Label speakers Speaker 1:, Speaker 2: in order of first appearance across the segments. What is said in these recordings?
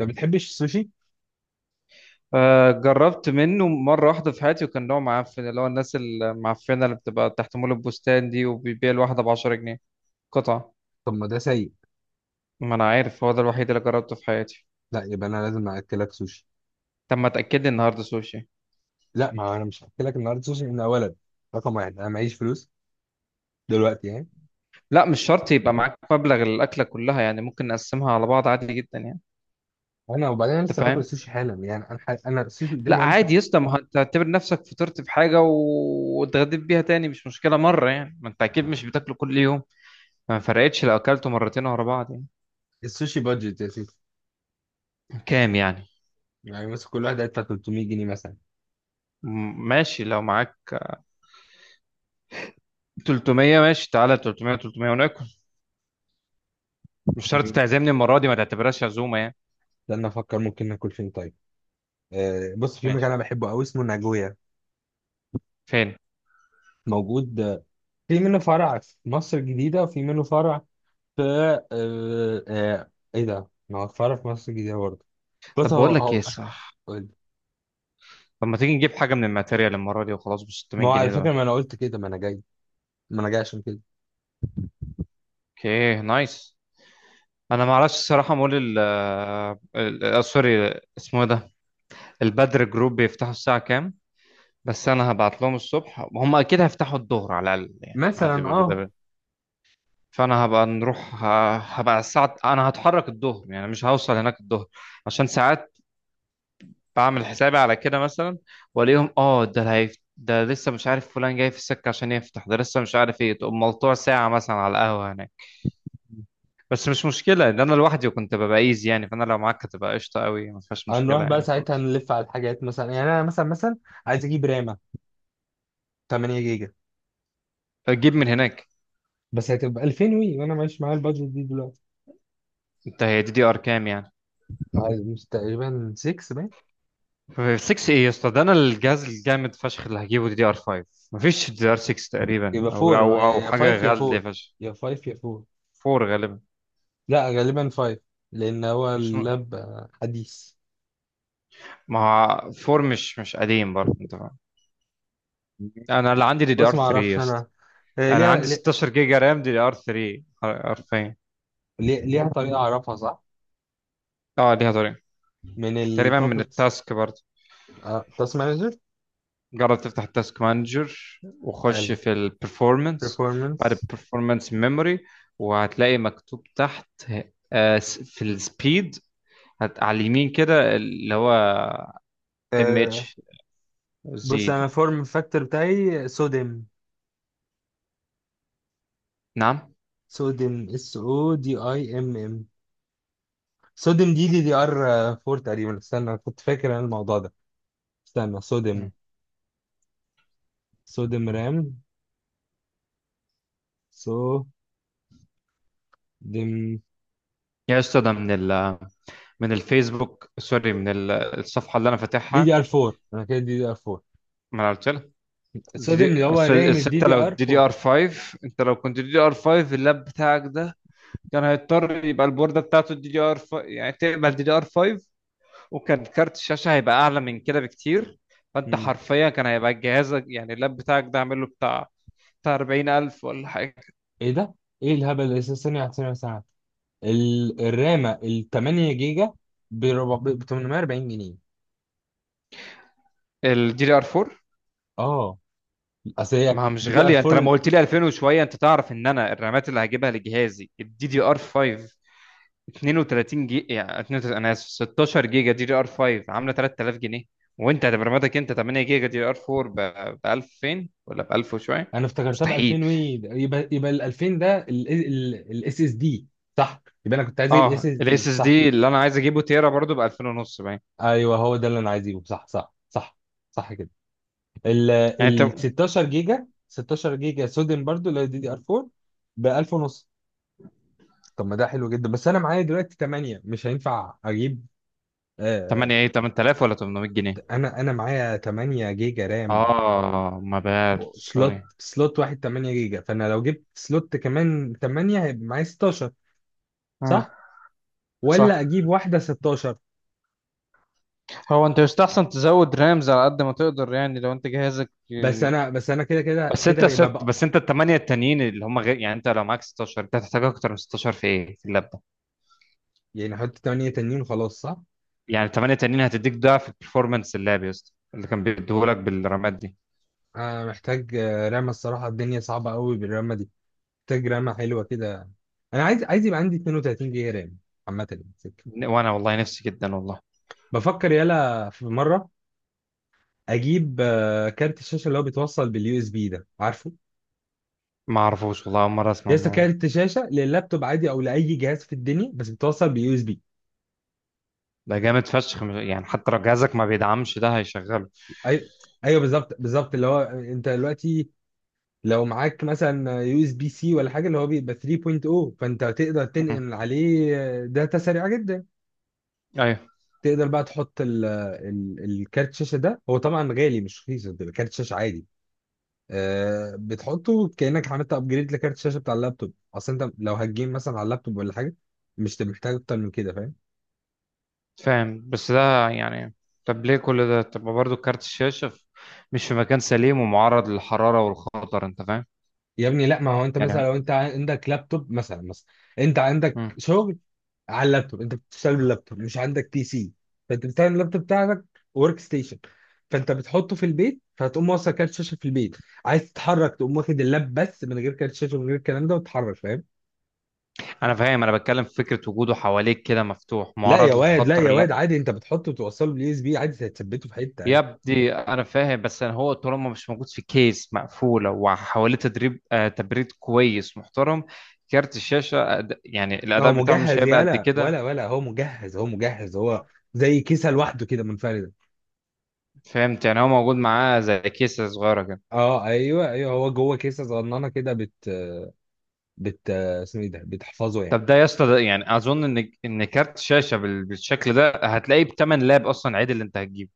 Speaker 1: ما بتحبش السوشي؟
Speaker 2: آه، جربت منه مرة واحدة في حياتي وكان نوع معفن اللي هو الناس المعفنة اللي بتبقى تحت مول البستان دي وبيبيع الواحدة بـ10 جنيه قطعة.
Speaker 1: طب ما ده سيء.
Speaker 2: ما أنا عارف هو ده الوحيد اللي جربته في حياتي.
Speaker 1: لا، يبقى انا لازم اكلك سوشي.
Speaker 2: طب ما تأكد لي النهاردة سوشي.
Speaker 1: لا، ما انا مش هاكلك النهارده سوشي من اولا. رقم واحد، انا معيش فلوس دلوقتي يعني.
Speaker 2: لا، مش شرط يبقى معاك مبلغ الأكلة كلها يعني، ممكن نقسمها على بعض عادي جدا يعني.
Speaker 1: انا وبعدين انا
Speaker 2: أنت
Speaker 1: لسه باكل
Speaker 2: فاهم؟
Speaker 1: السوشي حالا يعني، انا السوشي قدامي
Speaker 2: لا
Speaker 1: هو لسه.
Speaker 2: عادي يا اسطى، ما أنت تعتبر نفسك فطرت في حاجة واتغديت بيها تاني، مش مشكلة مرة يعني، ما أنت أكيد مش بتاكله كل يوم. ما فرقتش لو أكلته مرتين ورا بعض يعني.
Speaker 1: السوشي بادجت يا سيدي.
Speaker 2: كام يعني؟
Speaker 1: يعني مثلا كل واحد هيدفع 300 جنيه مثلا.
Speaker 2: ماشي لو معاك 300. ماشي تعالى 300 300 وناكل. مش شرط
Speaker 1: مم.
Speaker 2: تعزمني المرة دي، ما تعتبرهاش عزومة يعني.
Speaker 1: استنى افكر ممكن ناكل فين طيب. بص، في مكان
Speaker 2: ماشي.
Speaker 1: انا بحبه قوي اسمه ناجويا.
Speaker 2: فين؟
Speaker 1: موجود، في منه فرع في مصر الجديدة وفي منه فرع في ايه ده، ما هو فرع في مصر الجديدة برضه. بص،
Speaker 2: طب
Speaker 1: هو
Speaker 2: بقول لك ايه،
Speaker 1: هو
Speaker 2: صح؟ طب ما تيجي نجيب حاجة من الماتيريال المرة دي وخلاص ب
Speaker 1: ما
Speaker 2: 600
Speaker 1: هو على
Speaker 2: جنيه
Speaker 1: فكرة
Speaker 2: ده.
Speaker 1: ما انا قلت كده، ما انا جاي، ما انا جاي عشان كده.
Speaker 2: اوكي نايس. انا ما اعرفش الصراحة مول ال سوري اسمه إيه ده؟ البدر جروب بيفتحوا الساعة كام؟ بس انا هبعت لهم الصبح، هم اكيد هيفتحوا الظهر على الاقل يعني، ما دي
Speaker 1: مثلا اه،
Speaker 2: فانا هبقى نروح هبقى الساعة، انا هتحرك الظهر يعني مش هوصل هناك الظهر. عشان ساعات بعمل حسابي على كده مثلا. والاقيهم اه ده اللي هيف... ده لسه مش عارف فلان جاي في السكه عشان يفتح، ده لسه مش عارف ايه، تقوم ملطوع ساعه مثلا على القهوه هناك. بس مش مشكله ان انا لوحدي وكنت ببقى ايزي يعني، فانا لو معاك هتبقى قشطه قوي، ما فيهاش
Speaker 1: هنروح
Speaker 2: مشكله
Speaker 1: بقى
Speaker 2: يعني
Speaker 1: ساعتها
Speaker 2: خالص.
Speaker 1: نلف على الحاجات مثلا يعني. انا مثلا مثلا عايز اجيب رامة 8 جيجا،
Speaker 2: فتجيب من هناك.
Speaker 1: بس هتبقى 2000 وي، وانا مش معايا البادجت دي دلوقتي.
Speaker 2: انت هي دي دي ار كام يعني؟
Speaker 1: عايز، مش تقريبا 6 باين؟
Speaker 2: 6 ايه يا اسطى؟ ده انا الجهاز الجامد فشخ اللي هجيبه دي دي ار 5. مفيش دي دي ار 6 تقريبا،
Speaker 1: يبقى
Speaker 2: او
Speaker 1: 4
Speaker 2: او او
Speaker 1: يا
Speaker 2: حاجه
Speaker 1: 5 يا
Speaker 2: غاليه
Speaker 1: 4،
Speaker 2: فشخ.
Speaker 1: يا 5 يا 4.
Speaker 2: 4 غالبا.
Speaker 1: لا غالبا 5. لان هو
Speaker 2: مش،
Speaker 1: اللاب حديث.
Speaker 2: ما هو 4 مش قديم برضه، انت فاهم. انا اللي عندي دي دي
Speaker 1: بص
Speaker 2: ار
Speaker 1: ما اعرفش
Speaker 2: 3.
Speaker 1: انا. هي
Speaker 2: انا
Speaker 1: ليها
Speaker 2: عندي 16 جيجا رام دي ار 3 حرفيا.
Speaker 1: ليها طريقة اعرفها. صح،
Speaker 2: اه ليها طريقه.
Speaker 1: من
Speaker 2: تقريبا من
Speaker 1: البروبرتيز.
Speaker 2: التاسك برضه.
Speaker 1: تاسك مانجر.
Speaker 2: جرب تفتح التاسك مانجر وخش
Speaker 1: حلو.
Speaker 2: في البرفورمانس. بعد
Speaker 1: performance.
Speaker 2: البرفورمانس ميموري وهتلاقي مكتوب تحت آه، في السبيد. على اليمين كده اللي هو ام
Speaker 1: آه،
Speaker 2: اتش. زي
Speaker 1: بص
Speaker 2: دي.
Speaker 1: انا فورم فاكتور بتاعي صوديوم.
Speaker 2: نعم.
Speaker 1: صوديوم اس او دي اي ام ام. صوديوم دي دي ار 4 تقريبا. استنى، أنا كنت فاكر انا الموضوع ده. استنى
Speaker 2: مم.
Speaker 1: صوديوم. صوديوم رام. صوديوم
Speaker 2: يا استاذ ده من الفيسبوك، سوري، الصفحه اللي انا
Speaker 1: دي
Speaker 2: فاتحها.
Speaker 1: دي ار 4. انا كده دي دي ار 4.
Speaker 2: ما أنا قلت لك. جي
Speaker 1: صوديوم
Speaker 2: دي،
Speaker 1: اللي هو
Speaker 2: أصل
Speaker 1: رام الدي
Speaker 2: الستة
Speaker 1: دي
Speaker 2: لو
Speaker 1: ار
Speaker 2: دي دي
Speaker 1: 4.
Speaker 2: ار 5، انت لو كنت دي دي ار 5 اللاب بتاعك ده كان هيضطر يبقى البوردة بتاعته دي دي ار 5 يعني تقبل دي دي ار 5، وكان كارت الشاشة هيبقى أعلى من كده بكتير. فأنت
Speaker 1: مم.
Speaker 2: حرفيا كان هيبقى جهازك يعني اللاب بتاعك ده عامل له بتاع 40,000 ولا حاجة.
Speaker 1: ايه ده؟ ايه الهبل ده؟ ثانية واحدة، ثانية واحدة، ثانية واحدة. الرامة ال 8 جيجا ب 400، ب 840 جنيه.
Speaker 2: الدي دي ار 4.
Speaker 1: اه اصل هي
Speaker 2: ما هو مش
Speaker 1: دي دي ار
Speaker 2: غالية، انت لما
Speaker 1: 4.
Speaker 2: قلت لي 2000 وشوية، انت تعرف ان انا الرامات اللي هجيبها لجهازي الدي دي ار 5 32 جيجا، يعني 32 انا اسف 16 جيجا دي دي ار 5 عامله 3000 جنيه. وانت هتبرمجك انت 8 جيجا دي دي ار 4 ب 2000 ولا ب 1000 وشويه.
Speaker 1: انا افتكرتها ب
Speaker 2: مستحيل.
Speaker 1: 2000 وي. يبقى ال 2000 ده الاس اس دي صح. يبقى انا كنت عايز اجيب
Speaker 2: اه
Speaker 1: اس اس دي
Speaker 2: الاس اس
Speaker 1: صح.
Speaker 2: دي اللي انا عايز اجيبه تيرا برضو ب 2000 ونص باين.
Speaker 1: ايوه، هو ده اللي انا عايز اجيبه. صح، صح، صح، صح كده.
Speaker 2: يعني انت
Speaker 1: ال 16 جيجا. 16 جيجا سودن برضو اللي هي دي دي ار 4 ب 1000 ونص. طب ما ده حلو جدا، بس انا معايا دلوقتي 8 مش هينفع اجيب. آه
Speaker 2: 8 ايه، 8000 ولا 800 جنيه؟
Speaker 1: انا معايا 8 جيجا رام.
Speaker 2: اه، ما بال سوري.
Speaker 1: سلوت واحد 8 جيجا، فانا لو جبت سلوت كمان 8 هيبقى معايا 16،
Speaker 2: اه.
Speaker 1: صح؟ ولا
Speaker 2: صح.
Speaker 1: اجيب واحده 16؟
Speaker 2: هو انت يستحسن تزود رامز على قد ما تقدر يعني، لو انت جهازك.
Speaker 1: بس انا كده كده
Speaker 2: بس
Speaker 1: كده
Speaker 2: انت
Speaker 1: هيبقى
Speaker 2: ست
Speaker 1: بقى.
Speaker 2: بس انت الثمانيه التانيين اللي هم غير يعني، انت لو معاك 16 انت هتحتاج اكتر من 16 في ايه، في اللاب.
Speaker 1: يعني احط 8 تانيين وخلاص صح.
Speaker 2: يعني الثمانية التانيين هتديك ضعف البرفورمانس اللعب يا اسطى اللي كان بيديهولك بالرمات دي.
Speaker 1: انا محتاج رامه، الصراحه الدنيا صعبه قوي بالرامه دي. محتاج رامه حلوه كده. انا عايز، يبقى عندي 32 جيجا رام عامه يعني سكة.
Speaker 2: وانا والله نفسي جدا والله.
Speaker 1: بفكر يلا في مره اجيب كارت الشاشه اللي هو بيتوصل باليو اس بي ده عارفه؟
Speaker 2: ما اعرفوش والله، اول مرة اسمع
Speaker 1: لسه
Speaker 2: الموضوع.
Speaker 1: كارت شاشه لللابتوب عادي او لاي جهاز في الدنيا، بس بيتوصل باليو اس بي.
Speaker 2: ده جامد فشخ يعني حتى لو جهازك ما بيدعمش ده هيشغله.
Speaker 1: ايوه، ايوه بالظبط بالظبط. اللي هو انت دلوقتي لو معاك مثلا يو اس بي سي ولا حاجه، اللي هو بيبقى 3.0، فانت تقدر
Speaker 2: مم.
Speaker 1: تنقل عليه داتا سريعه جدا.
Speaker 2: ايوه.
Speaker 1: تقدر بقى تحط الكارت شاشه ده. هو طبعا غالي مش رخيص، بيبقى كارت شاشه عادي. بتحطه كانك عملت ابجريد لكارت الشاشه بتاع اللابتوب. اصل انت لو هتجيم مثلا على اللابتوب ولا حاجه، مش محتاج اكتر من كده، فاهم؟
Speaker 2: فاهم بس ده يعني. طب ليه كل ده؟ طب برضه كارت الشاشة مش في مكان سليم ومعرض للحرارة والخطر، انت فاهم؟
Speaker 1: يا ابني لا، ما هو انت مثلا
Speaker 2: يعني.
Speaker 1: لو انت عندك لابتوب مثلا انت عندك
Speaker 2: مم.
Speaker 1: شغل على اللابتوب. انت بتشتغل باللابتوب مش عندك بي سي، فانت بتعمل اللابتوب بتاعك ورك ستيشن. فانت بتحطه في البيت، فهتقوم موصل كارت شاشه في البيت. عايز تتحرك تقوم واخد اللاب بس من غير كارت شاشه من غير الكلام ده وتتحرك، فاهم؟
Speaker 2: انا فاهم، انا بتكلم في فكرة وجوده حواليك كده مفتوح
Speaker 1: لا يا
Speaker 2: معرض
Speaker 1: واد، لا
Speaker 2: للخطر.
Speaker 1: يا واد، عادي. انت بتحطه وتوصله باليو اس بي عادي، هتثبته في حته عادي.
Speaker 2: يبدي انا فاهم، بس انا هو طالما مش موجود في كيس مقفوله وحواليه تدريب آه تبريد كويس محترم، كارت الشاشه أد... يعني
Speaker 1: ما هو
Speaker 2: الاداء بتاعه مش
Speaker 1: مجهز
Speaker 2: هيبقى قد
Speaker 1: يالا.
Speaker 2: كده.
Speaker 1: ولا هو مجهز، هو زي كيسه لوحده كده منفرده.
Speaker 2: فهمت، يعني هو موجود معاه زي كيسه صغيره كده.
Speaker 1: اه ايوه، ايوه هو جوه كيسه صغننه كده. بت اسمه ايه ده بتحفظه يعني.
Speaker 2: طب ده يا اسطى، ده يعني اظن ان كارت شاشه بال... بالشكل ده هتلاقيه بتمن لاب اصلا عادي اللي انت هتجيبه.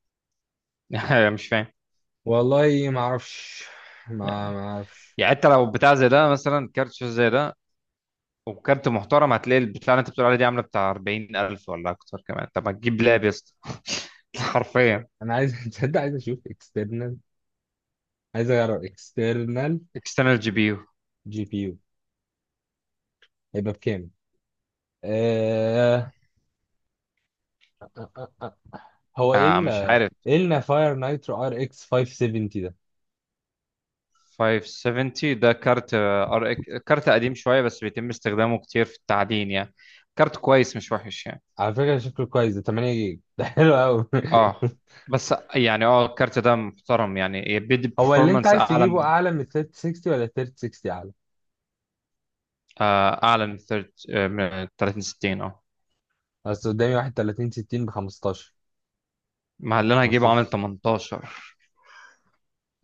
Speaker 2: مش فاهم.
Speaker 1: والله ما اعرفش. ما اعرفش.
Speaker 2: يعني انت لو بتاع زي ده مثلا، كارت شاشه زي ده وكارت محترم، هتلاقي البتاع اللي انت بتقول عليه دي عامله بتاع 40,000 ولا اكتر كمان. طب ما تجيب لاب يا اسطى. حرفيا.
Speaker 1: انا عايز تصدق، عايز اشوف اكسترنال. عايز اجرب اكسترنال
Speaker 2: اكسترنال جي بي يو.
Speaker 1: جي بي يو. هيبقى بكام؟ آه... هو ايه ال،
Speaker 2: مش عارف.
Speaker 1: ايه النا فاير نايترو ار اكس 570 ده؟
Speaker 2: 570 ده كارت، كارت قديم شويه بس بيتم استخدامه كتير في التعدين يعني. كارت كويس مش وحش يعني.
Speaker 1: على فكره شكله كويس ده 8 جيجا ده حلو قوي
Speaker 2: اه. بس يعني الكارت ده محترم يعني بيدي
Speaker 1: هو اللي انت
Speaker 2: برفورمانس
Speaker 1: عايز
Speaker 2: اعلى
Speaker 1: تجيبه
Speaker 2: من،
Speaker 1: اعلى من 3060، ولا 3060 اعلى؟
Speaker 2: اعلى من 30، 60. اه،
Speaker 1: بس قدامي واحد 30 60 ب 15،
Speaker 2: مع اللي انا هجيبه عامل
Speaker 1: 15.
Speaker 2: 18.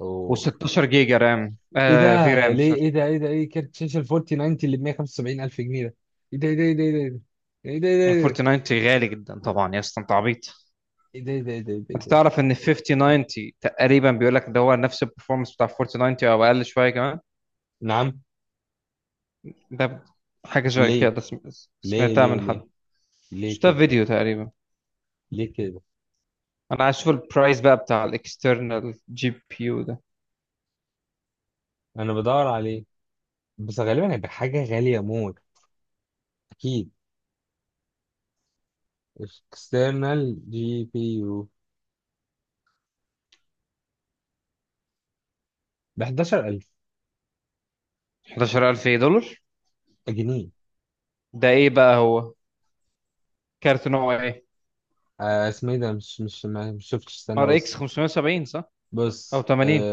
Speaker 1: اوه،
Speaker 2: و16 جيجا رام،
Speaker 1: ايه ده؟
Speaker 2: في رام
Speaker 1: ليه؟
Speaker 2: سوري.
Speaker 1: ايه ده؟ ايه ده؟ ايه كارت شاشه ال 4090 اللي ب 175 الف جنيه ده؟ ايه ده؟ ايه ده؟ ايه ده؟ ايه ده؟
Speaker 2: 4090 غالي جدا طبعا يا اسطى، انت عبيط.
Speaker 1: ايه ده؟ ايه ده؟ ايه ده؟ ايه ده؟ ايه ده؟ ايه
Speaker 2: انت
Speaker 1: ده؟ إيه ده؟
Speaker 2: تعرف ان 5090 تقريبا بيقول لك ده هو نفس البرفورمانس بتاع 4090 او اقل شويه كمان.
Speaker 1: نعم.
Speaker 2: ده حاجه شويه
Speaker 1: ليه؟
Speaker 2: كده
Speaker 1: ليه؟
Speaker 2: سمعتها
Speaker 1: ليه؟
Speaker 2: من
Speaker 1: ليه؟
Speaker 2: حد.
Speaker 1: ليه
Speaker 2: شفتها في
Speaker 1: كده؟
Speaker 2: فيديو تقريبا.
Speaker 1: ليه كده؟
Speaker 2: انا عايز اشوف البرايس بقى بتاع الاكسترنال جي بي يو ده.
Speaker 1: انا بدور عليه، بس غالبا هيبقى حاجه غاليه موت، اكيد. اكسترنال جي بي يو ب 11000
Speaker 2: 11,000 ايه، دولار؟
Speaker 1: جنيه
Speaker 2: ده ايه بقى هو؟ كارت نوع ايه؟
Speaker 1: اسمه ايه ده، مش شفتش، استنى
Speaker 2: ار اكس
Speaker 1: بص.
Speaker 2: 570 صح، او
Speaker 1: بص
Speaker 2: 80؟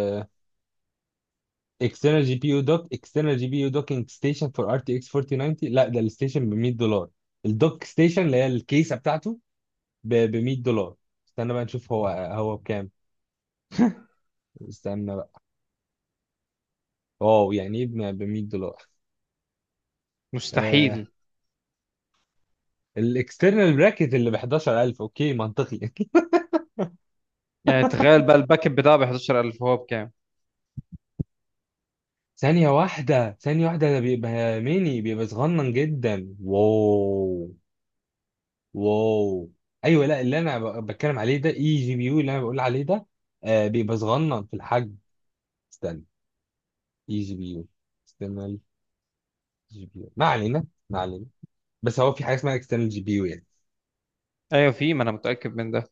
Speaker 1: اكسترنال جي بي يو دوك، اكسترنال جي بي يو دوكينج ستيشن فور ار تي اكس 4090. لا ده الستيشن ب 100 دولار. الدوك ستيشن اللي هي الكيسه بتاعته ب 100 دولار. استنى بقى نشوف هو بكام. استنى بقى. واو، يعني ايه؟ ب 100 دولار. آه
Speaker 2: مستحيل.
Speaker 1: الاكسترنال براكت اللي ب 11000، اوكي منطقي
Speaker 2: يعني تخيل بقى الباك اب بتاعه ب 11,000، هو بكام؟
Speaker 1: ثانية واحدة، ثانية واحدة، ده بيبقى ميني، بيبقى صغنن جدا. واو، واو. ايوه، لا، اللي انا بتكلم عليه ده اي جي بي يو. اللي انا بقول عليه ده بيبقى صغنن في الحجم. استنى. اي جي بي يو. اكسترنال جي بي يو ما علينا، ما علينا. بس هو في حاجه اسمها اكسترنال جي بي يو.
Speaker 2: ايوه، في، ما انا متاكد من ده.